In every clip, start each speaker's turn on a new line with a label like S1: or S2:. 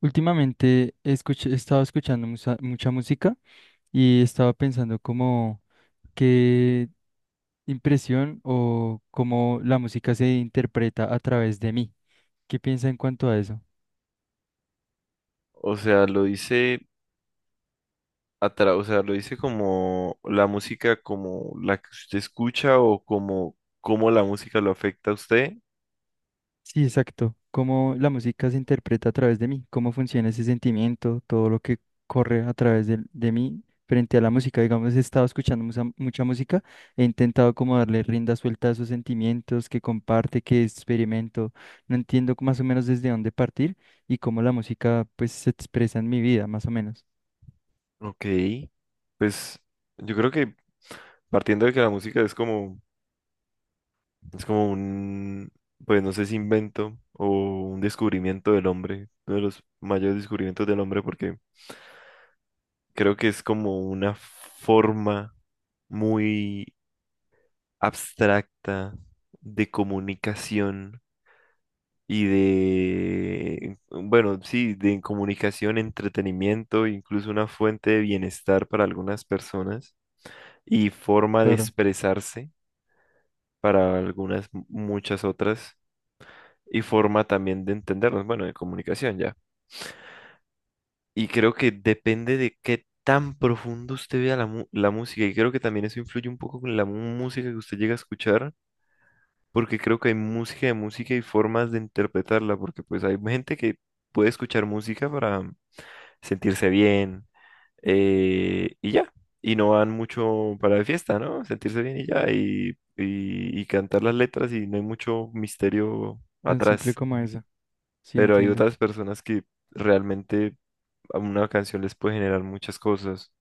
S1: Últimamente he estado escuchando mucha música y estaba pensando como qué impresión o cómo la música se interpreta a través de mí. ¿Qué piensa en cuanto a eso?
S2: O sea, lo dice o sea, lo dice como la música como la que usted escucha o como cómo la música lo afecta a usted.
S1: Sí, exacto. Cómo la música se interpreta a través de mí, cómo funciona ese sentimiento, todo lo que corre a través de mí frente a la música. Digamos, he estado escuchando mucha música, he intentado como darle rienda suelta a esos sentimientos que comparte, que experimento. No entiendo más o menos desde dónde partir y cómo la música pues se expresa en mi vida, más o menos.
S2: Ok, pues yo creo que partiendo de que la música es como es como un, pues no sé si invento o un descubrimiento del hombre, uno de los mayores descubrimientos del hombre, porque creo que es como una forma muy abstracta de comunicación y de, bueno, sí, de comunicación, entretenimiento, incluso una fuente de bienestar para algunas personas y forma de
S1: Claro,
S2: expresarse para algunas, muchas otras, y forma también de entendernos, bueno, de comunicación ya. Y creo que depende de qué tan profundo usted vea la música, y creo que también eso influye un poco con la música que usted llega a escuchar, porque creo que hay música de música y formas de interpretarla, porque pues hay gente que puede escuchar música para sentirse bien y ya. Y no van mucho para de fiesta, ¿no? Sentirse bien y ya. Y cantar las letras y no hay mucho misterio
S1: tan simple
S2: atrás.
S1: como eso. Sí,
S2: Pero hay
S1: entiendo.
S2: otras personas que realmente a una canción les puede generar muchas cosas.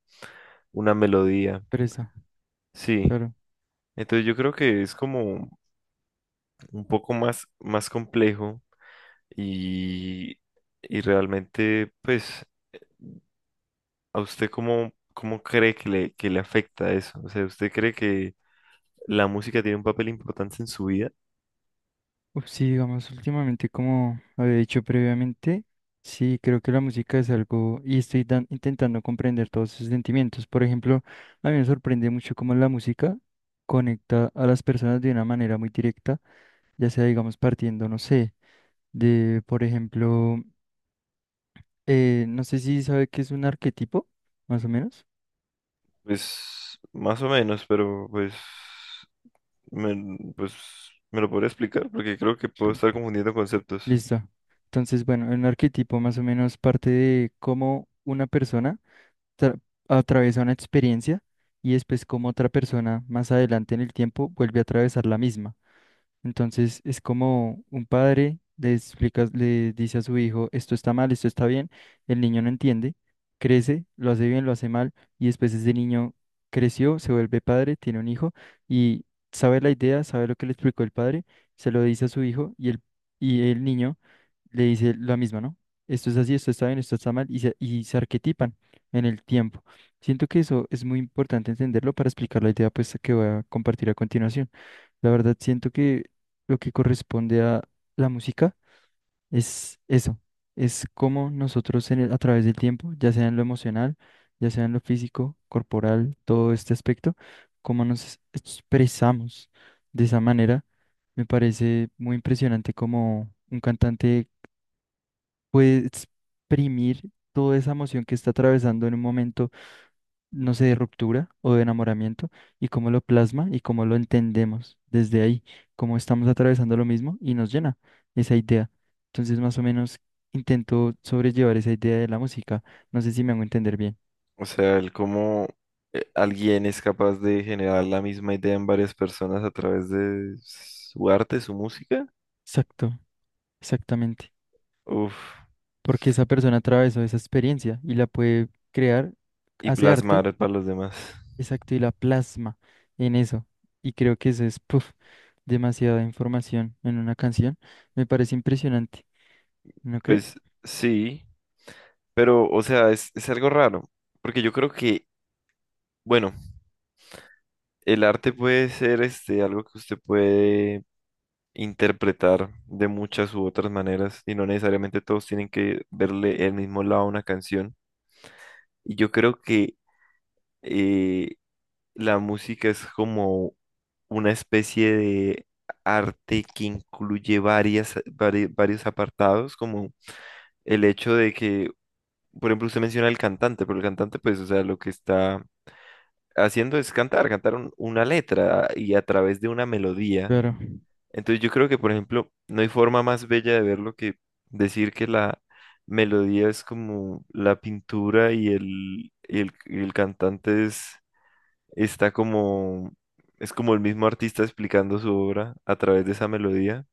S2: Una melodía.
S1: Presa,
S2: Sí.
S1: claro.
S2: Entonces yo creo que es como un poco más complejo y, y realmente pues ¿a usted cómo cree que que le afecta eso? O sea, ¿usted cree que la música tiene un papel importante en su vida?
S1: Uf, sí, digamos, últimamente, como había dicho previamente, sí, creo que la música es algo y estoy intentando comprender todos esos sentimientos. Por ejemplo, a mí me sorprende mucho cómo la música conecta a las personas de una manera muy directa, ya sea, digamos, partiendo, no sé, de, por ejemplo, no sé si sabe qué es un arquetipo, más o menos.
S2: Pues más o menos, pero pues me lo podría explicar porque creo que puedo estar confundiendo conceptos.
S1: Listo. Entonces, bueno, un arquetipo más o menos parte de cómo una persona tra- atraviesa una experiencia y después como otra persona más adelante en el tiempo vuelve a atravesar la misma. Entonces es como un padre le explica, le dice a su hijo, esto está mal, esto está bien, el niño no entiende, crece, lo hace bien, lo hace mal y después ese niño creció, se vuelve padre, tiene un hijo y sabe la idea, sabe lo que le explicó el padre, se lo dice a su hijo y el niño le dice la misma, ¿no? Esto es así, esto está bien, esto está mal, y se arquetipan en el tiempo. Siento que eso es muy importante entenderlo para explicar la idea pues, que voy a compartir a continuación. La verdad, siento que lo que corresponde a la música es eso, es cómo nosotros a través del tiempo, ya sea en lo emocional, ya sea en lo físico, corporal, todo este aspecto, cómo nos expresamos de esa manera. Me parece muy impresionante como un cantante puede exprimir toda esa emoción que está atravesando en un momento, no sé, de ruptura o de enamoramiento, y cómo lo plasma y cómo lo entendemos desde ahí, cómo estamos atravesando lo mismo y nos llena esa idea. Entonces, más o menos, intento sobrellevar esa idea de la música. No sé si me hago entender bien.
S2: O sea, el cómo alguien es capaz de generar la misma idea en varias personas a través de su arte, su música,
S1: Exacto, exactamente.
S2: uf,
S1: Porque esa persona atravesó esa experiencia y la puede crear,
S2: y
S1: hace arte.
S2: plasmar para los demás.
S1: Exacto, y la plasma en eso. Y creo que eso es, puf, demasiada información en una canción. Me parece impresionante, ¿no cree?
S2: Pues sí, pero o sea, es algo raro, porque yo creo que, bueno, el arte puede ser este, algo que usted puede interpretar de muchas u otras maneras y no necesariamente todos tienen que verle el mismo lado a una canción. Y yo creo que eh, la música es como una especie de arte que incluye varios apartados, como el hecho de que, por ejemplo, usted menciona al cantante, pero el cantante, pues, o sea, lo que está haciendo es cantar una letra y a través de una melodía.
S1: Claro.
S2: Entonces yo creo que, por ejemplo, no hay forma más bella de verlo que decir que la melodía es como la pintura y el cantante está como, es como el mismo artista explicando su obra a través de esa melodía.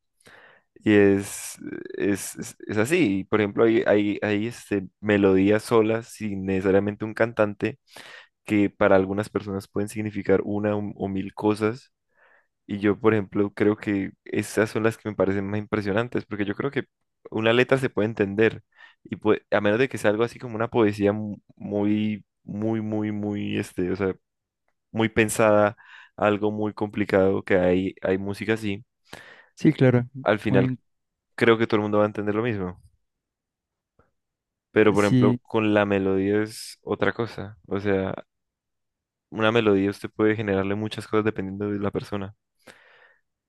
S2: Y es, es así. Por ejemplo, hay este, melodías solas sin necesariamente un cantante que para algunas personas pueden significar una o mil cosas y yo, por ejemplo, creo que esas son las que me parecen más impresionantes, porque yo creo que una letra se puede entender, y a menos de que sea algo así como una poesía muy, muy, muy, muy, este, o sea, muy pensada, algo muy complicado, que hay música así,
S1: Sí, claro.
S2: al final
S1: Muy,
S2: creo que todo el mundo va a entender lo mismo. Pero, por ejemplo,
S1: sí,
S2: con la melodía es otra cosa, o sea, una melodía usted puede generarle muchas cosas dependiendo de la persona.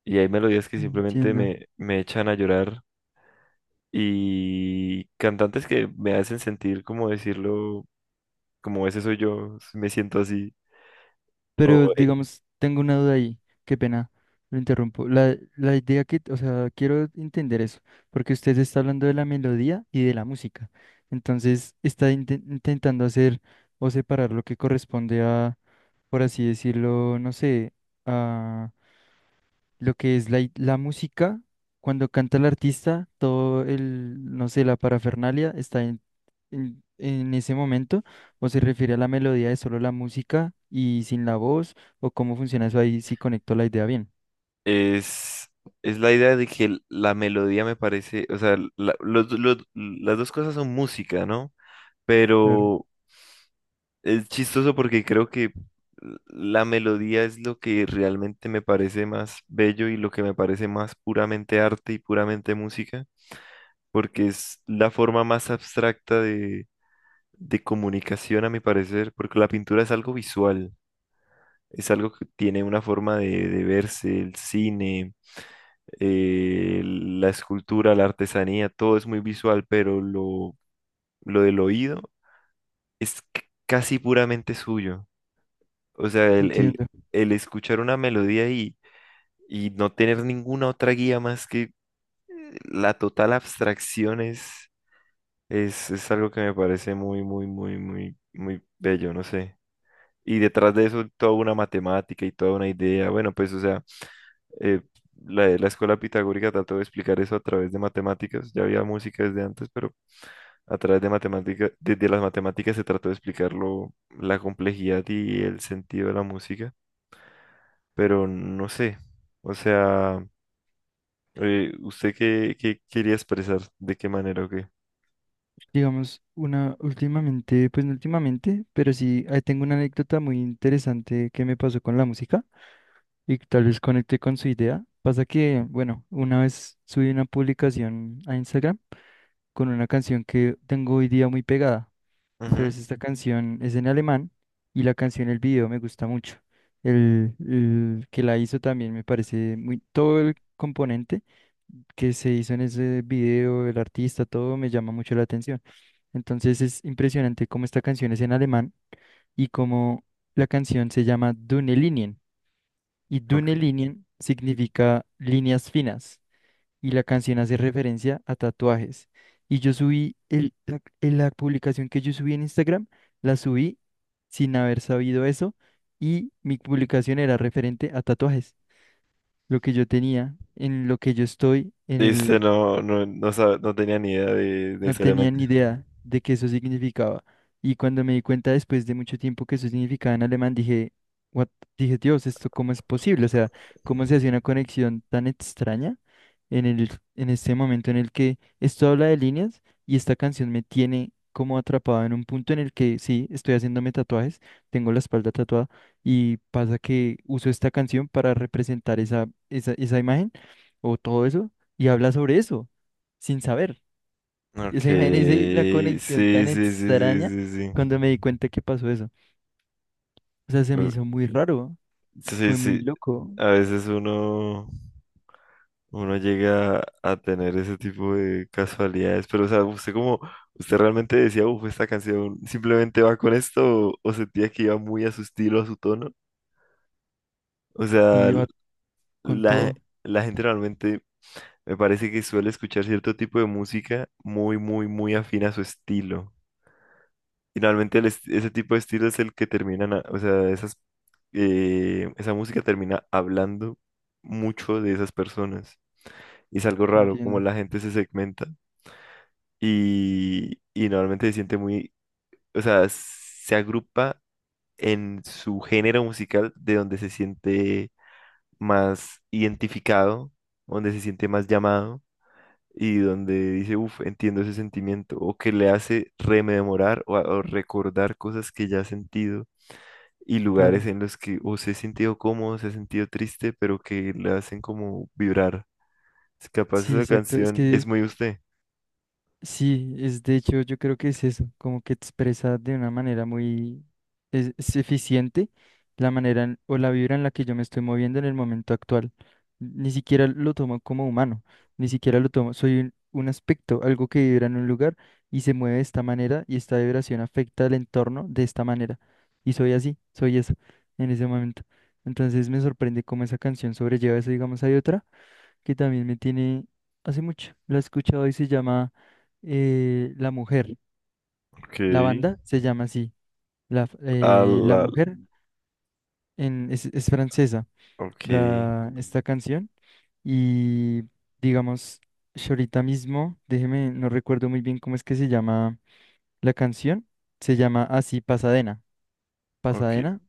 S2: Y hay melodías que simplemente
S1: entiendo.
S2: me echan a llorar y cantantes que me hacen sentir, como decirlo, como ese soy yo, si me siento así.
S1: Pero
S2: O
S1: digamos, tengo una duda ahí. Qué pena, lo interrumpo. La idea que, o sea, quiero entender eso, porque usted está hablando de la melodía y de la música. Entonces, está intentando hacer o separar lo que corresponde a, por así decirlo, no sé, a lo que es la música, cuando canta el artista, todo el, no sé, la parafernalia está en ese momento, o se refiere a la melodía de solo la música y sin la voz, o cómo funciona eso ahí, si conecto la idea bien.
S2: es, es la idea de que la melodía me parece, o sea, las dos cosas son música, ¿no?
S1: Claro,
S2: Pero es chistoso porque creo que la melodía es lo que realmente me parece más bello y lo que me parece más puramente arte y puramente música, porque es la forma más abstracta de comunicación, a mi parecer, porque la pintura es algo visual, es algo que tiene una forma de verse, el cine, la escultura, la artesanía, todo es muy visual, pero lo del oído es casi puramente suyo. O sea,
S1: entiendo.
S2: el escuchar una melodía y no tener ninguna otra guía más que la total abstracción es algo que me parece muy, muy, muy, muy, muy bello, no sé. Y detrás de eso toda una matemática y toda una idea. Bueno, pues o sea, eh, la escuela pitagórica trató de explicar eso a través de matemáticas. Ya había música desde antes, pero a través de matemáticas, desde las matemáticas se trató de explicarlo, la complejidad y el sentido de la música. Pero no sé, o sea, ¿usted qué quería expresar? ¿De qué manera o qué?
S1: Digamos, una últimamente, pues no últimamente, pero sí, ahí tengo una anécdota muy interesante que me pasó con la música y que tal vez conecte con su idea. Pasa que, bueno, una vez subí una publicación a Instagram con una canción que tengo hoy día muy pegada.
S2: Ujú.
S1: Entonces esta canción es en alemán y la canción, el video me gusta mucho. El que la hizo también me parece muy, todo el componente que se hizo en ese video, el artista, todo me llama mucho la atención. Entonces es impresionante cómo esta canción es en alemán y cómo la canción se llama Dünne Linien. Y
S2: Ok.
S1: Dünne Linien significa líneas finas y la canción hace referencia a tatuajes. Y yo subí en la publicación que yo subí en Instagram, la subí sin haber sabido eso y mi publicación era referente a tatuajes, lo que yo tenía, en lo que yo estoy,
S2: Dice, no, no, no, no tenía ni idea de
S1: no tenía
S2: necesariamente.
S1: ni idea de qué eso significaba. Y cuando me di cuenta después de mucho tiempo que eso significaba en alemán, dije, "What?". Dije, Dios, ¿esto cómo es posible? O sea, ¿cómo se hace una conexión tan extraña en el, en este momento en el que esto habla de líneas y esta canción me tiene como atrapado en un punto en el que sí, estoy haciéndome tatuajes, tengo la espalda tatuada y pasa que uso esta canción para representar esa imagen o todo eso y habla sobre eso sin saber. O
S2: Ok,
S1: sea, imagínese la
S2: sí,
S1: conexión
S2: sí,
S1: tan
S2: sí, sí,
S1: extraña
S2: sí, sí.
S1: cuando me di cuenta que pasó eso. O sea, se me
S2: Uh,
S1: hizo muy raro,
S2: sí,
S1: fue muy
S2: sí.
S1: loco
S2: A veces uno llega a tener ese tipo de casualidades, pero o sea, usted realmente decía, uff, esta canción simplemente va con esto, o sentía que iba muy a su estilo, a su tono. O sea,
S1: y iba con
S2: la,
S1: todo,
S2: la gente realmente me parece que suele escuchar cierto tipo de música muy, muy, muy afín a su estilo. Finalmente ese tipo de estilo es el que terminan, a- o sea, esa música termina hablando mucho de esas personas. Y es algo raro, como
S1: entiendo,
S2: la gente se segmenta y normalmente se siente muy, o sea, se agrupa en su género musical de donde se siente más identificado, donde se siente más llamado y donde dice, uff, entiendo ese sentimiento, o que le hace rememorar o, a- o recordar cosas que ya ha sentido y lugares
S1: claro.
S2: en los que o se ha sentido cómodo, se ha sentido triste, pero que le hacen como vibrar. Es capaz
S1: Sí,
S2: esa
S1: exacto, es
S2: canción es
S1: que
S2: muy usted.
S1: sí, es de hecho, yo creo que es eso, como que expresa de una manera muy es eficiente la manera o la vibra en la que yo me estoy moviendo en el momento actual. Ni siquiera lo tomo como humano, ni siquiera lo tomo, soy un aspecto, algo que vibra en un lugar y se mueve de esta manera y esta vibración afecta al entorno de esta manera. Y soy así, soy eso en ese momento. Entonces me sorprende cómo esa canción sobrelleva eso, digamos, hay otra que también me tiene hace mucho. La he escuchado y se llama La Mujer.
S2: Ok.
S1: La banda se llama así.
S2: A
S1: La
S2: la...
S1: Mujer en, es francesa,
S2: Ok,
S1: la, esta canción. Y digamos, yo ahorita mismo, déjeme, no recuerdo muy bien cómo es que se llama la canción. Se llama así Pasadena.
S2: ok.
S1: Pasadena.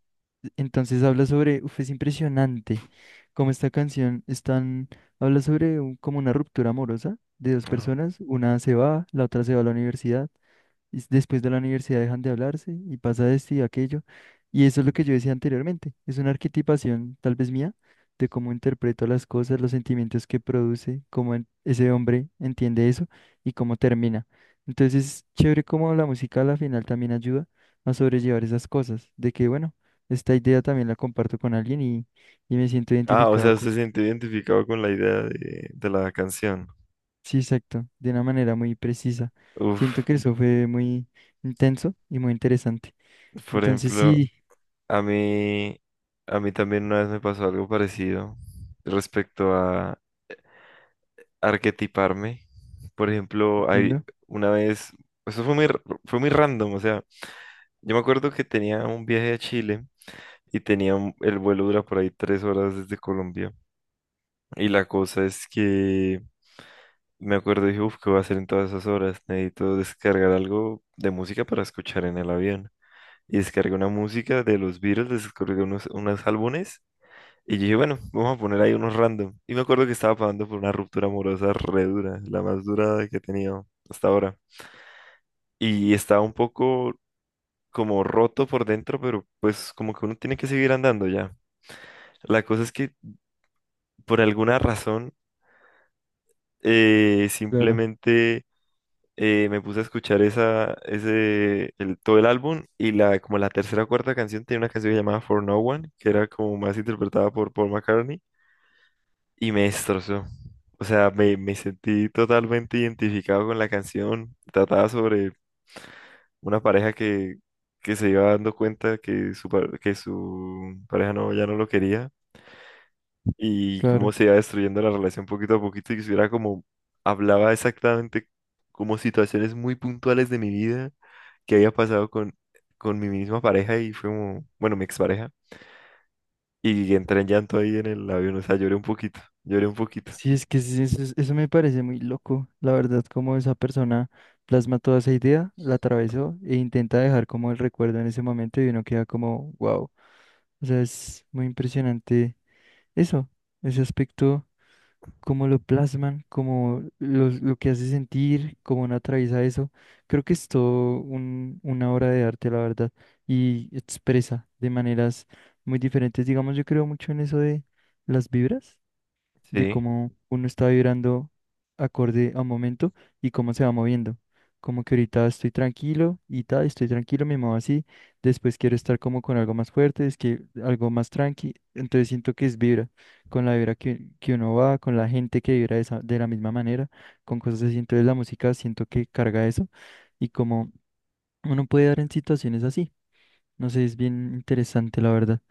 S1: Entonces habla sobre, uf, es impresionante cómo esta canción están, habla sobre como una ruptura amorosa de dos
S2: Ah.
S1: personas, una se va, la otra se va a la universidad y después de la universidad dejan de hablarse y pasa esto y aquello. Y eso es lo que yo decía anteriormente, es una arquetipación tal vez mía de cómo interpreto las cosas, los sentimientos que produce, cómo ese hombre entiende eso y cómo termina. Entonces, chévere cómo la música a la final también ayuda a sobrellevar esas cosas, de que bueno, esta idea también la comparto con alguien y me siento
S2: Ah, o sea,
S1: identificado
S2: usted
S1: con...
S2: se siente identificado con la idea de la canción.
S1: Sí, exacto, de una manera muy precisa. Siento
S2: Uf,
S1: que eso fue muy intenso y muy interesante.
S2: por
S1: Entonces
S2: ejemplo,
S1: sí,
S2: a mí, a mí también una vez me pasó algo parecido respecto a arquetiparme. Por ejemplo, hay
S1: entiendo,
S2: una vez, eso fue muy, fue muy random, o sea, yo me acuerdo que tenía un viaje a Chile y tenía el vuelo dura por ahí 3 horas desde Colombia. Y la cosa es que me acuerdo y dije, uff, ¿qué voy a hacer en todas esas horas? Necesito descargar algo de música para escuchar en el avión. Y descargué una música de los Beatles, descargué unos álbumes. Y yo dije, bueno, vamos a poner ahí unos random. Y me acuerdo que estaba pasando por una ruptura amorosa re dura, la más dura que he tenido hasta ahora. Y estaba un poco como roto por dentro, pero pues como que uno tiene que seguir andando ya. La cosa es que por alguna razón
S1: claro,
S2: simplemente me puse a escuchar todo el álbum y la, como la tercera o cuarta canción tenía una canción llamada For No One, que era como más interpretada por Paul McCartney y me destrozó. O sea, me sentí totalmente identificado con la canción. Trataba sobre una pareja que se iba dando cuenta que que su pareja no, ya no lo quería y cómo
S1: claro.
S2: se iba destruyendo la relación poquito a poquito y que hubiera como, hablaba exactamente como situaciones muy puntuales de mi vida que había pasado con mi misma pareja y fue como, bueno, mi expareja. Y entré en llanto ahí en el avión, o sea, lloré un poquito, lloré un poquito.
S1: Sí, es que sí, eso, eso me parece muy loco, la verdad, como esa persona plasma toda esa idea, la atravesó e intenta dejar como el recuerdo en ese momento y uno queda como, wow. O sea, es muy impresionante eso, ese aspecto, cómo lo plasman, cómo lo que hace sentir, cómo uno atraviesa eso. Creo que es todo una obra de arte, la verdad, y expresa de maneras muy diferentes. Digamos, yo creo mucho en eso de las vibras, de
S2: Sí,
S1: cómo uno está vibrando acorde a un momento y cómo se va moviendo. Como que ahorita estoy tranquilo y tal, estoy tranquilo, me muevo así. Después quiero estar como con algo más fuerte, es que algo más tranqui. Entonces siento que es vibra, con la vibra que uno va, con la gente que vibra de la misma manera, con cosas así. Entonces la música siento que carga eso y como uno puede dar en situaciones así. No sé, es bien interesante, la verdad.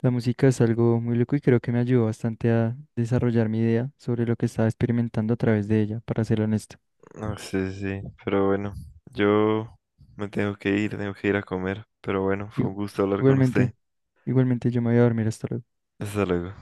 S1: La música es algo muy loco y creo que me ayudó bastante a desarrollar mi idea sobre lo que estaba experimentando a través de ella, para ser honesto.
S2: no sé, sí, pero bueno, yo me tengo que ir a comer, pero bueno, fue un
S1: Igu-
S2: gusto hablar con usted.
S1: Igualmente, igualmente yo me voy a dormir hasta luego.
S2: Hasta luego.